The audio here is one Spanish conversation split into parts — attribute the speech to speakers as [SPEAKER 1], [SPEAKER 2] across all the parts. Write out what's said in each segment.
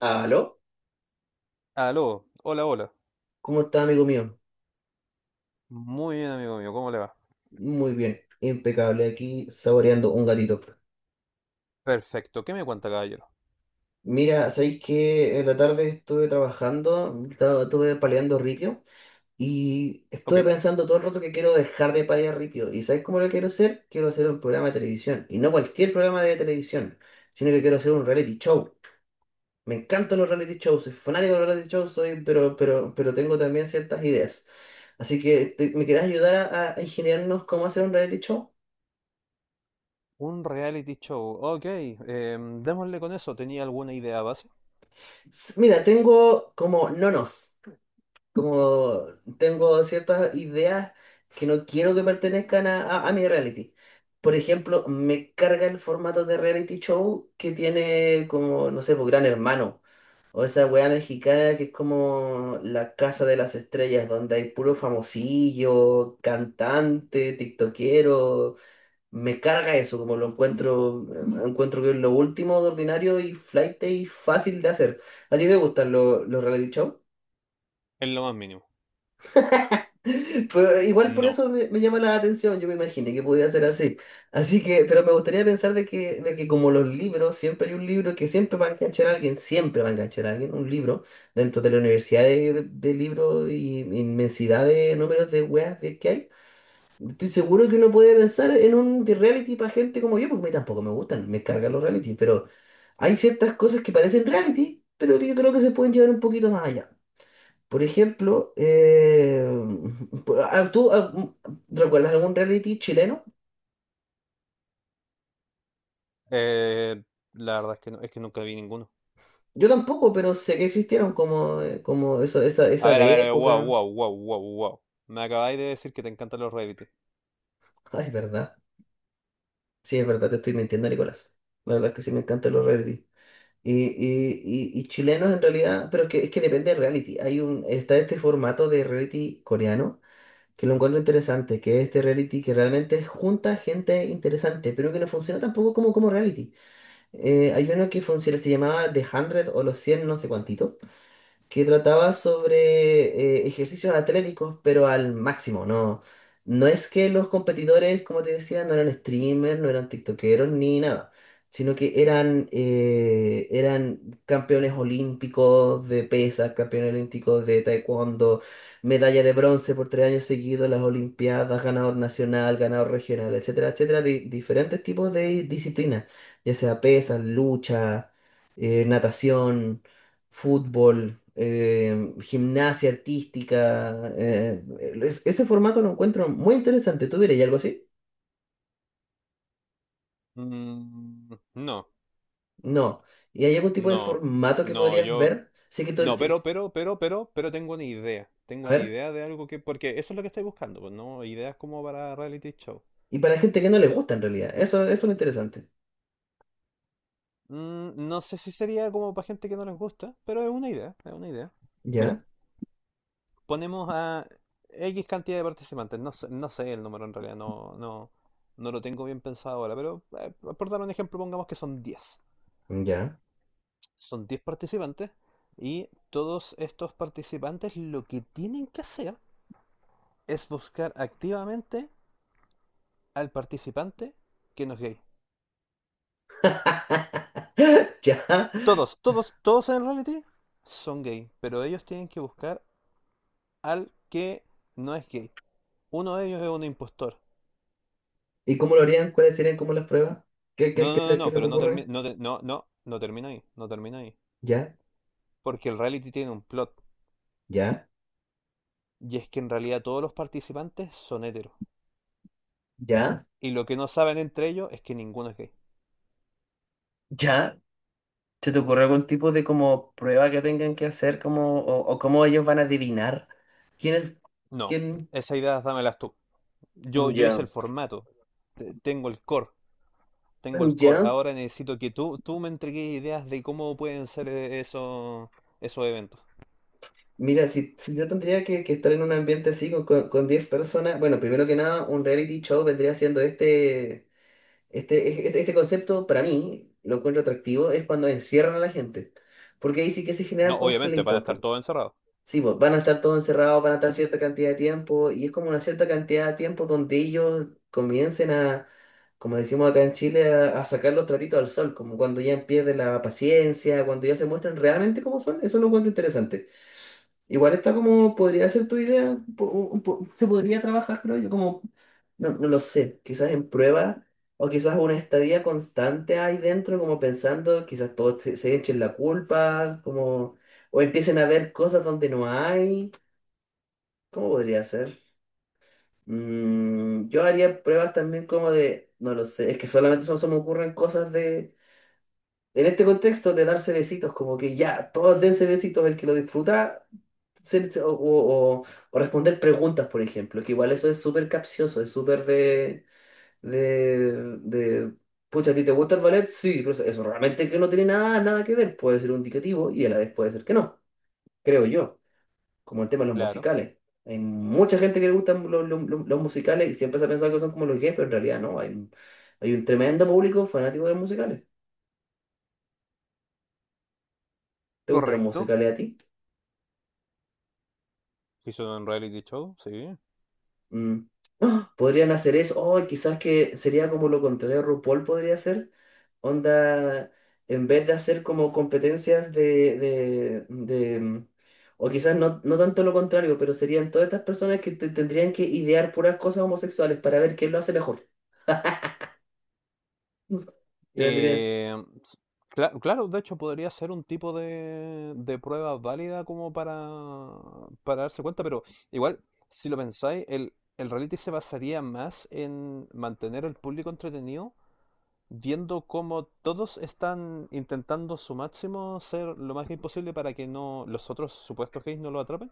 [SPEAKER 1] ¿Aló?
[SPEAKER 2] Aló, hola, hola.
[SPEAKER 1] ¿Cómo está, amigo mío?
[SPEAKER 2] Muy bien, amigo mío, ¿cómo le va?
[SPEAKER 1] Muy bien, impecable, aquí saboreando un gatito.
[SPEAKER 2] Perfecto, ¿qué me cuenta, caballero?
[SPEAKER 1] Mira, ¿sabéis que en la tarde estuve trabajando, estaba estuve paleando ripio y
[SPEAKER 2] Ok.
[SPEAKER 1] estuve pensando todo el rato que quiero dejar de palear ripio? ¿Y sabéis cómo lo quiero hacer? Quiero hacer un programa de televisión y no cualquier programa de televisión, sino que quiero hacer un reality show. Me encantan los reality shows, soy fanático de los reality shows, pero tengo también ciertas ideas. Así que, ¿me querés ayudar a ingeniarnos cómo hacer un reality show?
[SPEAKER 2] Un reality show, ok. Démosle con eso, ¿tenía alguna idea base?
[SPEAKER 1] Mira, tengo como nonos, como tengo ciertas ideas que no quiero que pertenezcan a, a mi reality. Por ejemplo, me carga el formato de reality show que tiene como, no sé, pues Gran Hermano, o esa weá mexicana que es como la casa de las estrellas, donde hay puro famosillo, cantante, tiktokero. Me carga eso, como lo encuentro, encuentro que es lo último de ordinario y flaite y fácil de hacer. ¿A ti te gustan los reality show?
[SPEAKER 2] En lo más mínimo.
[SPEAKER 1] Pero igual por
[SPEAKER 2] No.
[SPEAKER 1] eso me llama la atención, yo me imaginé que podía ser así. Así que, pero me gustaría pensar de que como los libros, siempre hay un libro que siempre va a enganchar a alguien, siempre va a enganchar a alguien, un libro, dentro de la universidad de libros y inmensidad de números de weas que hay. Estoy seguro que uno puede pensar en un de reality para gente como yo, porque a mí tampoco me gustan, me cargan los reality, pero hay ciertas cosas que parecen reality, pero que yo creo que se pueden llevar un poquito más allá. Por ejemplo, ¿tú recuerdas algún reality chileno?
[SPEAKER 2] Eh, la verdad es que no, es que nunca vi ninguno.
[SPEAKER 1] Yo tampoco, pero sé que existieron como, como eso, esa,
[SPEAKER 2] A
[SPEAKER 1] esa
[SPEAKER 2] ver, a
[SPEAKER 1] de
[SPEAKER 2] ver, a ver, wow,
[SPEAKER 1] época.
[SPEAKER 2] wow, wow, wow, wow. Me acabáis de decir que te encantan los reality.
[SPEAKER 1] Ay, es verdad. Sí, es verdad, te estoy mintiendo, Nicolás. La verdad es que sí me encantan los reality. Y chilenos en realidad, pero es que depende del reality. Hay un, está este formato de reality coreano que lo encuentro interesante, que es este reality que realmente junta gente interesante, pero que no funciona tampoco como reality. Hay uno que funciona, se llamaba The 100 o los 100 no sé cuántito, que trataba sobre ejercicios atléticos, pero al máximo, ¿no? No es que los competidores, como te decía, no eran streamers, no eran tiktokeros ni nada, sino que eran campeones olímpicos de pesas, campeones olímpicos de taekwondo, medalla de bronce por 3 años seguidos, las olimpiadas, ganador nacional, ganador regional, etcétera, etcétera, de diferentes tipos de disciplinas, ya sea pesas, lucha, natación, fútbol, gimnasia artística. Ese formato lo encuentro muy interesante. ¿Tú verías algo así?
[SPEAKER 2] Mm, no,
[SPEAKER 1] No. ¿Y hay algún tipo de
[SPEAKER 2] no,
[SPEAKER 1] formato que
[SPEAKER 2] no,
[SPEAKER 1] podrías
[SPEAKER 2] yo...
[SPEAKER 1] ver? Sí que
[SPEAKER 2] No,
[SPEAKER 1] sí, sí.
[SPEAKER 2] pero tengo una idea. Tengo
[SPEAKER 1] A
[SPEAKER 2] una
[SPEAKER 1] ver.
[SPEAKER 2] idea de algo que... Porque eso es lo que estoy buscando, pues no ideas como para reality show.
[SPEAKER 1] Y para gente que no le gusta en realidad. Eso es lo interesante.
[SPEAKER 2] Mm, no sé si sería como para gente que no les gusta, pero es una idea, es una idea. Mira,
[SPEAKER 1] Ya,
[SPEAKER 2] ponemos a X cantidad de participantes, no sé, no sé el número en realidad, no lo tengo bien pensado ahora, pero por dar un ejemplo, pongamos que son 10.
[SPEAKER 1] ya,
[SPEAKER 2] Son 10 participantes y todos estos participantes lo que tienen que hacer es buscar activamente al participante que no es gay.
[SPEAKER 1] ya.
[SPEAKER 2] Todos, todos, todos en el reality son gay, pero ellos tienen que buscar al que no es gay. Uno de ellos es un impostor.
[SPEAKER 1] ¿Y cómo lo harían? ¿Cuáles serían como las pruebas? ¿Qué, qué, qué se, qué
[SPEAKER 2] No,
[SPEAKER 1] se te
[SPEAKER 2] pero no termina,
[SPEAKER 1] ocurre?
[SPEAKER 2] no termina ahí, no termina ahí.
[SPEAKER 1] Ya,
[SPEAKER 2] Porque el reality tiene un plot.
[SPEAKER 1] ya,
[SPEAKER 2] Y es que en realidad todos los participantes son heteros.
[SPEAKER 1] ya,
[SPEAKER 2] Y lo que no saben entre ellos es que ninguno es gay.
[SPEAKER 1] ya. ¿Se te ocurre algún tipo de como prueba que tengan que hacer como, o cómo ellos van a adivinar quién es,
[SPEAKER 2] No,
[SPEAKER 1] quién?
[SPEAKER 2] esa idea dámelas tú. Yo hice el
[SPEAKER 1] Ya,
[SPEAKER 2] formato. Tengo el core, tengo el core.
[SPEAKER 1] ya,
[SPEAKER 2] Ahora necesito que tú me entregues ideas de cómo pueden ser esos, esos eventos.
[SPEAKER 1] mira, si yo tendría que estar en un ambiente así con 10 personas, bueno, primero que nada, un reality show vendría siendo este concepto, para mí, lo encuentro atractivo, es cuando encierran a la gente, porque ahí sí que se
[SPEAKER 2] No,
[SPEAKER 1] generan
[SPEAKER 2] obviamente, van a
[SPEAKER 1] conflictos.
[SPEAKER 2] estar todos encerrados.
[SPEAKER 1] Sí, pues van a estar todos encerrados, van a estar cierta cantidad de tiempo y es como una cierta cantidad de tiempo donde ellos comiencen a, como decimos acá en Chile, a sacar los trapitos al sol, como cuando ya pierden la paciencia, cuando ya se muestran realmente cómo son, eso lo encuentro interesante. Igual está como, podría ser tu idea, se podría trabajar, creo yo, como, no lo sé, quizás en prueba o quizás una estadía constante ahí dentro, como pensando, quizás todos se echen la culpa, como, o empiecen a ver cosas donde no hay, ¿cómo podría ser? Yo haría pruebas también como de, no lo sé, es que solamente son, se me ocurren cosas de, en este contexto de darse besitos, como que ya, todos dense besitos, el que lo disfruta ser- o, o- o responder preguntas, por ejemplo, que igual eso es súper capcioso, es súper de, de, pucha, ¿a ti te gusta el ballet? Sí, pero eso realmente que no tiene nada, nada que ver, puede ser un indicativo y a la vez puede ser que no, creo yo, como el tema de los
[SPEAKER 2] Claro.
[SPEAKER 1] musicales. Hay mucha gente que le gustan los los musicales y siempre se ha pensado que son como los gays, pero en realidad no, hay un tremendo público fanático de los musicales. ¿Te gustan los
[SPEAKER 2] Correcto.
[SPEAKER 1] musicales a ti?
[SPEAKER 2] Hizo un reality show, sí.
[SPEAKER 1] Mm. ¡Ah! Podrían hacer eso. O quizás que sería como lo contrario RuPaul podría hacer. Onda, en vez de hacer como competencias o quizás no, no tanto lo contrario, pero serían todas estas personas que tendrían que idear puras cosas homosexuales para ver quién lo hace mejor. Mm. Y vendría.
[SPEAKER 2] Eh, claro, de hecho podría ser un tipo de prueba válida como para darse cuenta, pero igual, si lo pensáis, el reality se basaría más en mantener al público entretenido, viendo cómo todos están intentando su máximo ser lo más gay posible para que no los otros supuestos gays no lo atrapen,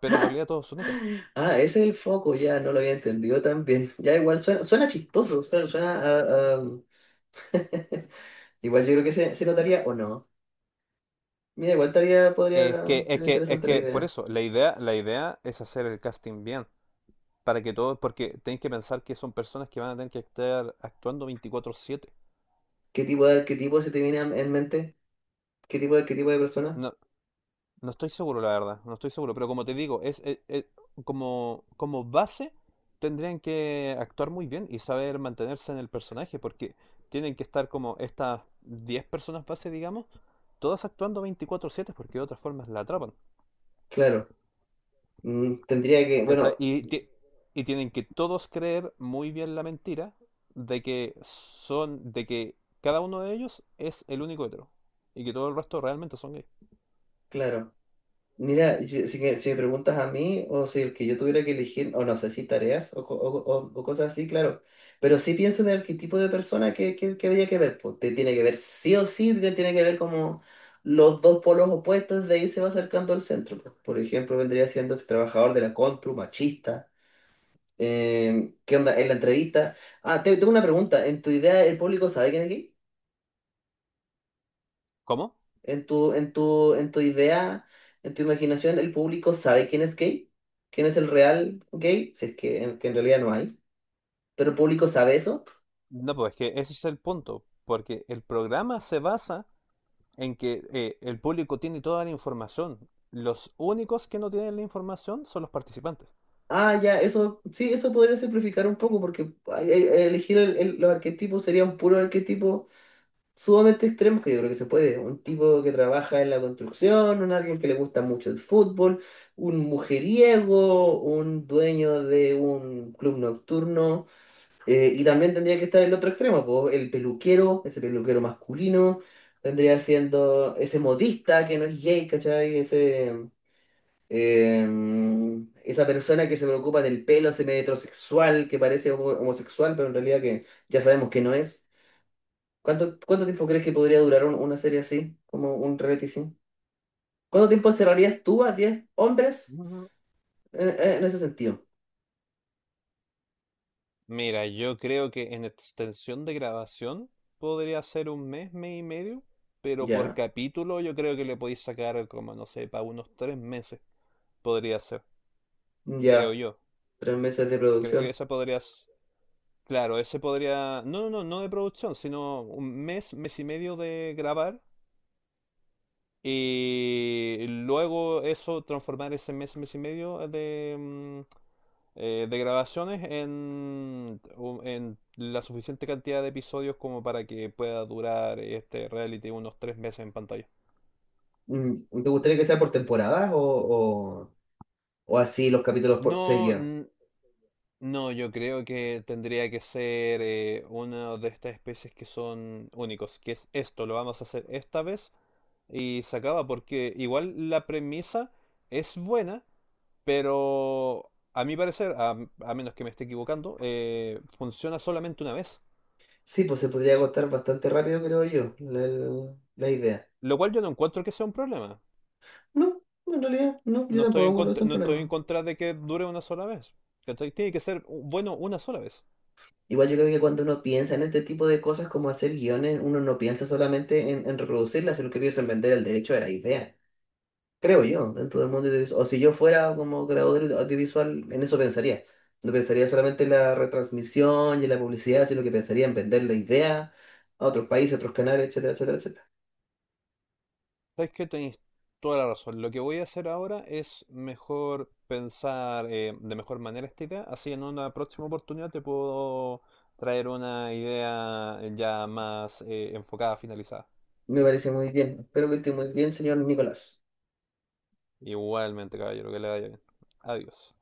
[SPEAKER 2] pero en realidad todos son heteros.
[SPEAKER 1] Ah, ese es el foco, ya no lo había entendido tan bien. Ya igual suena chistoso, suena. Igual yo creo que se notaría o no. Mira, igual estaría, podría ser interesante la
[SPEAKER 2] Por
[SPEAKER 1] idea.
[SPEAKER 2] eso, la idea es hacer el casting bien, para que todos, porque tenéis que pensar que son personas que van a tener que estar actuando 24/7.
[SPEAKER 1] ¿Qué tipo de arquetipo se te viene en mente? ¿Qué tipo de arquetipo de persona?
[SPEAKER 2] No, no estoy seguro, la verdad, no estoy seguro, pero como te digo, como, como base tendrían que actuar muy bien y saber mantenerse en el personaje, porque tienen que estar como estas 10 personas base, digamos, todas actuando 24/7 porque de otra forma la atrapan.
[SPEAKER 1] Claro, tendría que,
[SPEAKER 2] ¿Cachai?
[SPEAKER 1] bueno,
[SPEAKER 2] Y tienen que todos creer muy bien la mentira de que son, de que cada uno de ellos es el único hetero y que todo el resto realmente son gays.
[SPEAKER 1] claro. Mira, si me preguntas a mí o si el que yo tuviera que elegir, o no sé si tareas o, o cosas así, claro. Pero sí pienso en el arquetipo de persona que habría que ver. Pues, te tiene que ver sí o sí, te tiene que ver como los dos polos opuestos, de ahí se va acercando al centro, pues. Por ejemplo, vendría siendo este trabajador de la constru, machista. ¿Qué onda? En la entrevista. Ah, tengo una pregunta. ¿En tu idea el público sabe quién es gay?
[SPEAKER 2] ¿Cómo?
[SPEAKER 1] ¿En tu idea, en tu imaginación, el público sabe quién es gay? ¿Quién es el real gay? Si es que en realidad no hay. ¿Pero el público sabe eso?
[SPEAKER 2] No, pues es que ese es el punto, porque el programa se basa en que el público tiene toda la información. Los únicos que no tienen la información son los participantes.
[SPEAKER 1] Ah, ya, eso, sí, eso podría simplificar un poco porque ay, ay, elegir los arquetipos sería un puro arquetipo sumamente extremos que yo creo que se puede. Un tipo que trabaja en la construcción, un alguien que le gusta mucho el fútbol, un mujeriego, un dueño de un club nocturno. Y también tendría que estar el otro extremo, po, el peluquero, ese peluquero masculino. Tendría siendo ese modista que no es gay, ¿cachai? Eh, esa persona que se preocupa del pelo semi-heterosexual, que parece homosexual, pero en realidad que ya sabemos que no es. ¿Cuánto, cuánto tiempo crees que podría durar una serie así, como un reality sí? ¿Cuánto tiempo encerrarías tú a 10 hombres en ese sentido?
[SPEAKER 2] Mira, yo creo que en extensión de grabación podría ser un mes, mes y medio, pero por
[SPEAKER 1] Ya,
[SPEAKER 2] capítulo yo creo que le podéis sacar como, no sé, para unos 3 meses podría ser, creo
[SPEAKER 1] ya,
[SPEAKER 2] yo.
[SPEAKER 1] 3 meses de
[SPEAKER 2] Creo que
[SPEAKER 1] producción.
[SPEAKER 2] esa podría, claro, ese podría, no de producción, sino un mes, mes y medio de grabar. Y luego eso, transformar ese mes, mes y medio de, de grabaciones en, en la suficiente cantidad de episodios como para que pueda durar este reality unos 3 meses en pantalla.
[SPEAKER 1] ¿Te gustaría que sea por temporadas o, o así los capítulos por
[SPEAKER 2] No,
[SPEAKER 1] seguidos?
[SPEAKER 2] n- no, yo creo que tendría que ser una de estas especies que son únicos, que es esto, lo vamos a hacer esta vez y se acaba porque igual la premisa es buena. Pero a mi parecer, a menos que me esté equivocando, funciona solamente una vez.
[SPEAKER 1] Sí, pues se podría agotar bastante rápido, creo yo, la idea.
[SPEAKER 2] Lo cual yo no encuentro que sea un problema.
[SPEAKER 1] No, en realidad, no, yo
[SPEAKER 2] No estoy en
[SPEAKER 1] tampoco creo que
[SPEAKER 2] contra,
[SPEAKER 1] sea un
[SPEAKER 2] no estoy en
[SPEAKER 1] problema.
[SPEAKER 2] contra de que dure una sola vez. ¿Cachai? Tiene que ser bueno una sola vez.
[SPEAKER 1] Igual yo creo que cuando uno piensa en este tipo de cosas como hacer guiones, uno no piensa solamente en, reproducirlas, sino que piensa en vender el derecho de la idea, creo yo, dentro del mundo audiovisual. O si yo fuera como creador audiovisual, en eso pensaría. No pensaría solamente en la retransmisión y en la publicidad, sino que pensaría en vender la idea a otros países, a otros canales, etcétera, etcétera, etcétera.
[SPEAKER 2] ¿Sabes qué? Tenéis toda la razón. Lo que voy a hacer ahora es mejor pensar de mejor manera esta idea. Así en una próxima oportunidad te puedo traer una idea ya más enfocada, finalizada.
[SPEAKER 1] Me parece muy bien. Espero que esté muy bien, señor Nicolás.
[SPEAKER 2] Igualmente, caballero, que le vaya bien. Adiós.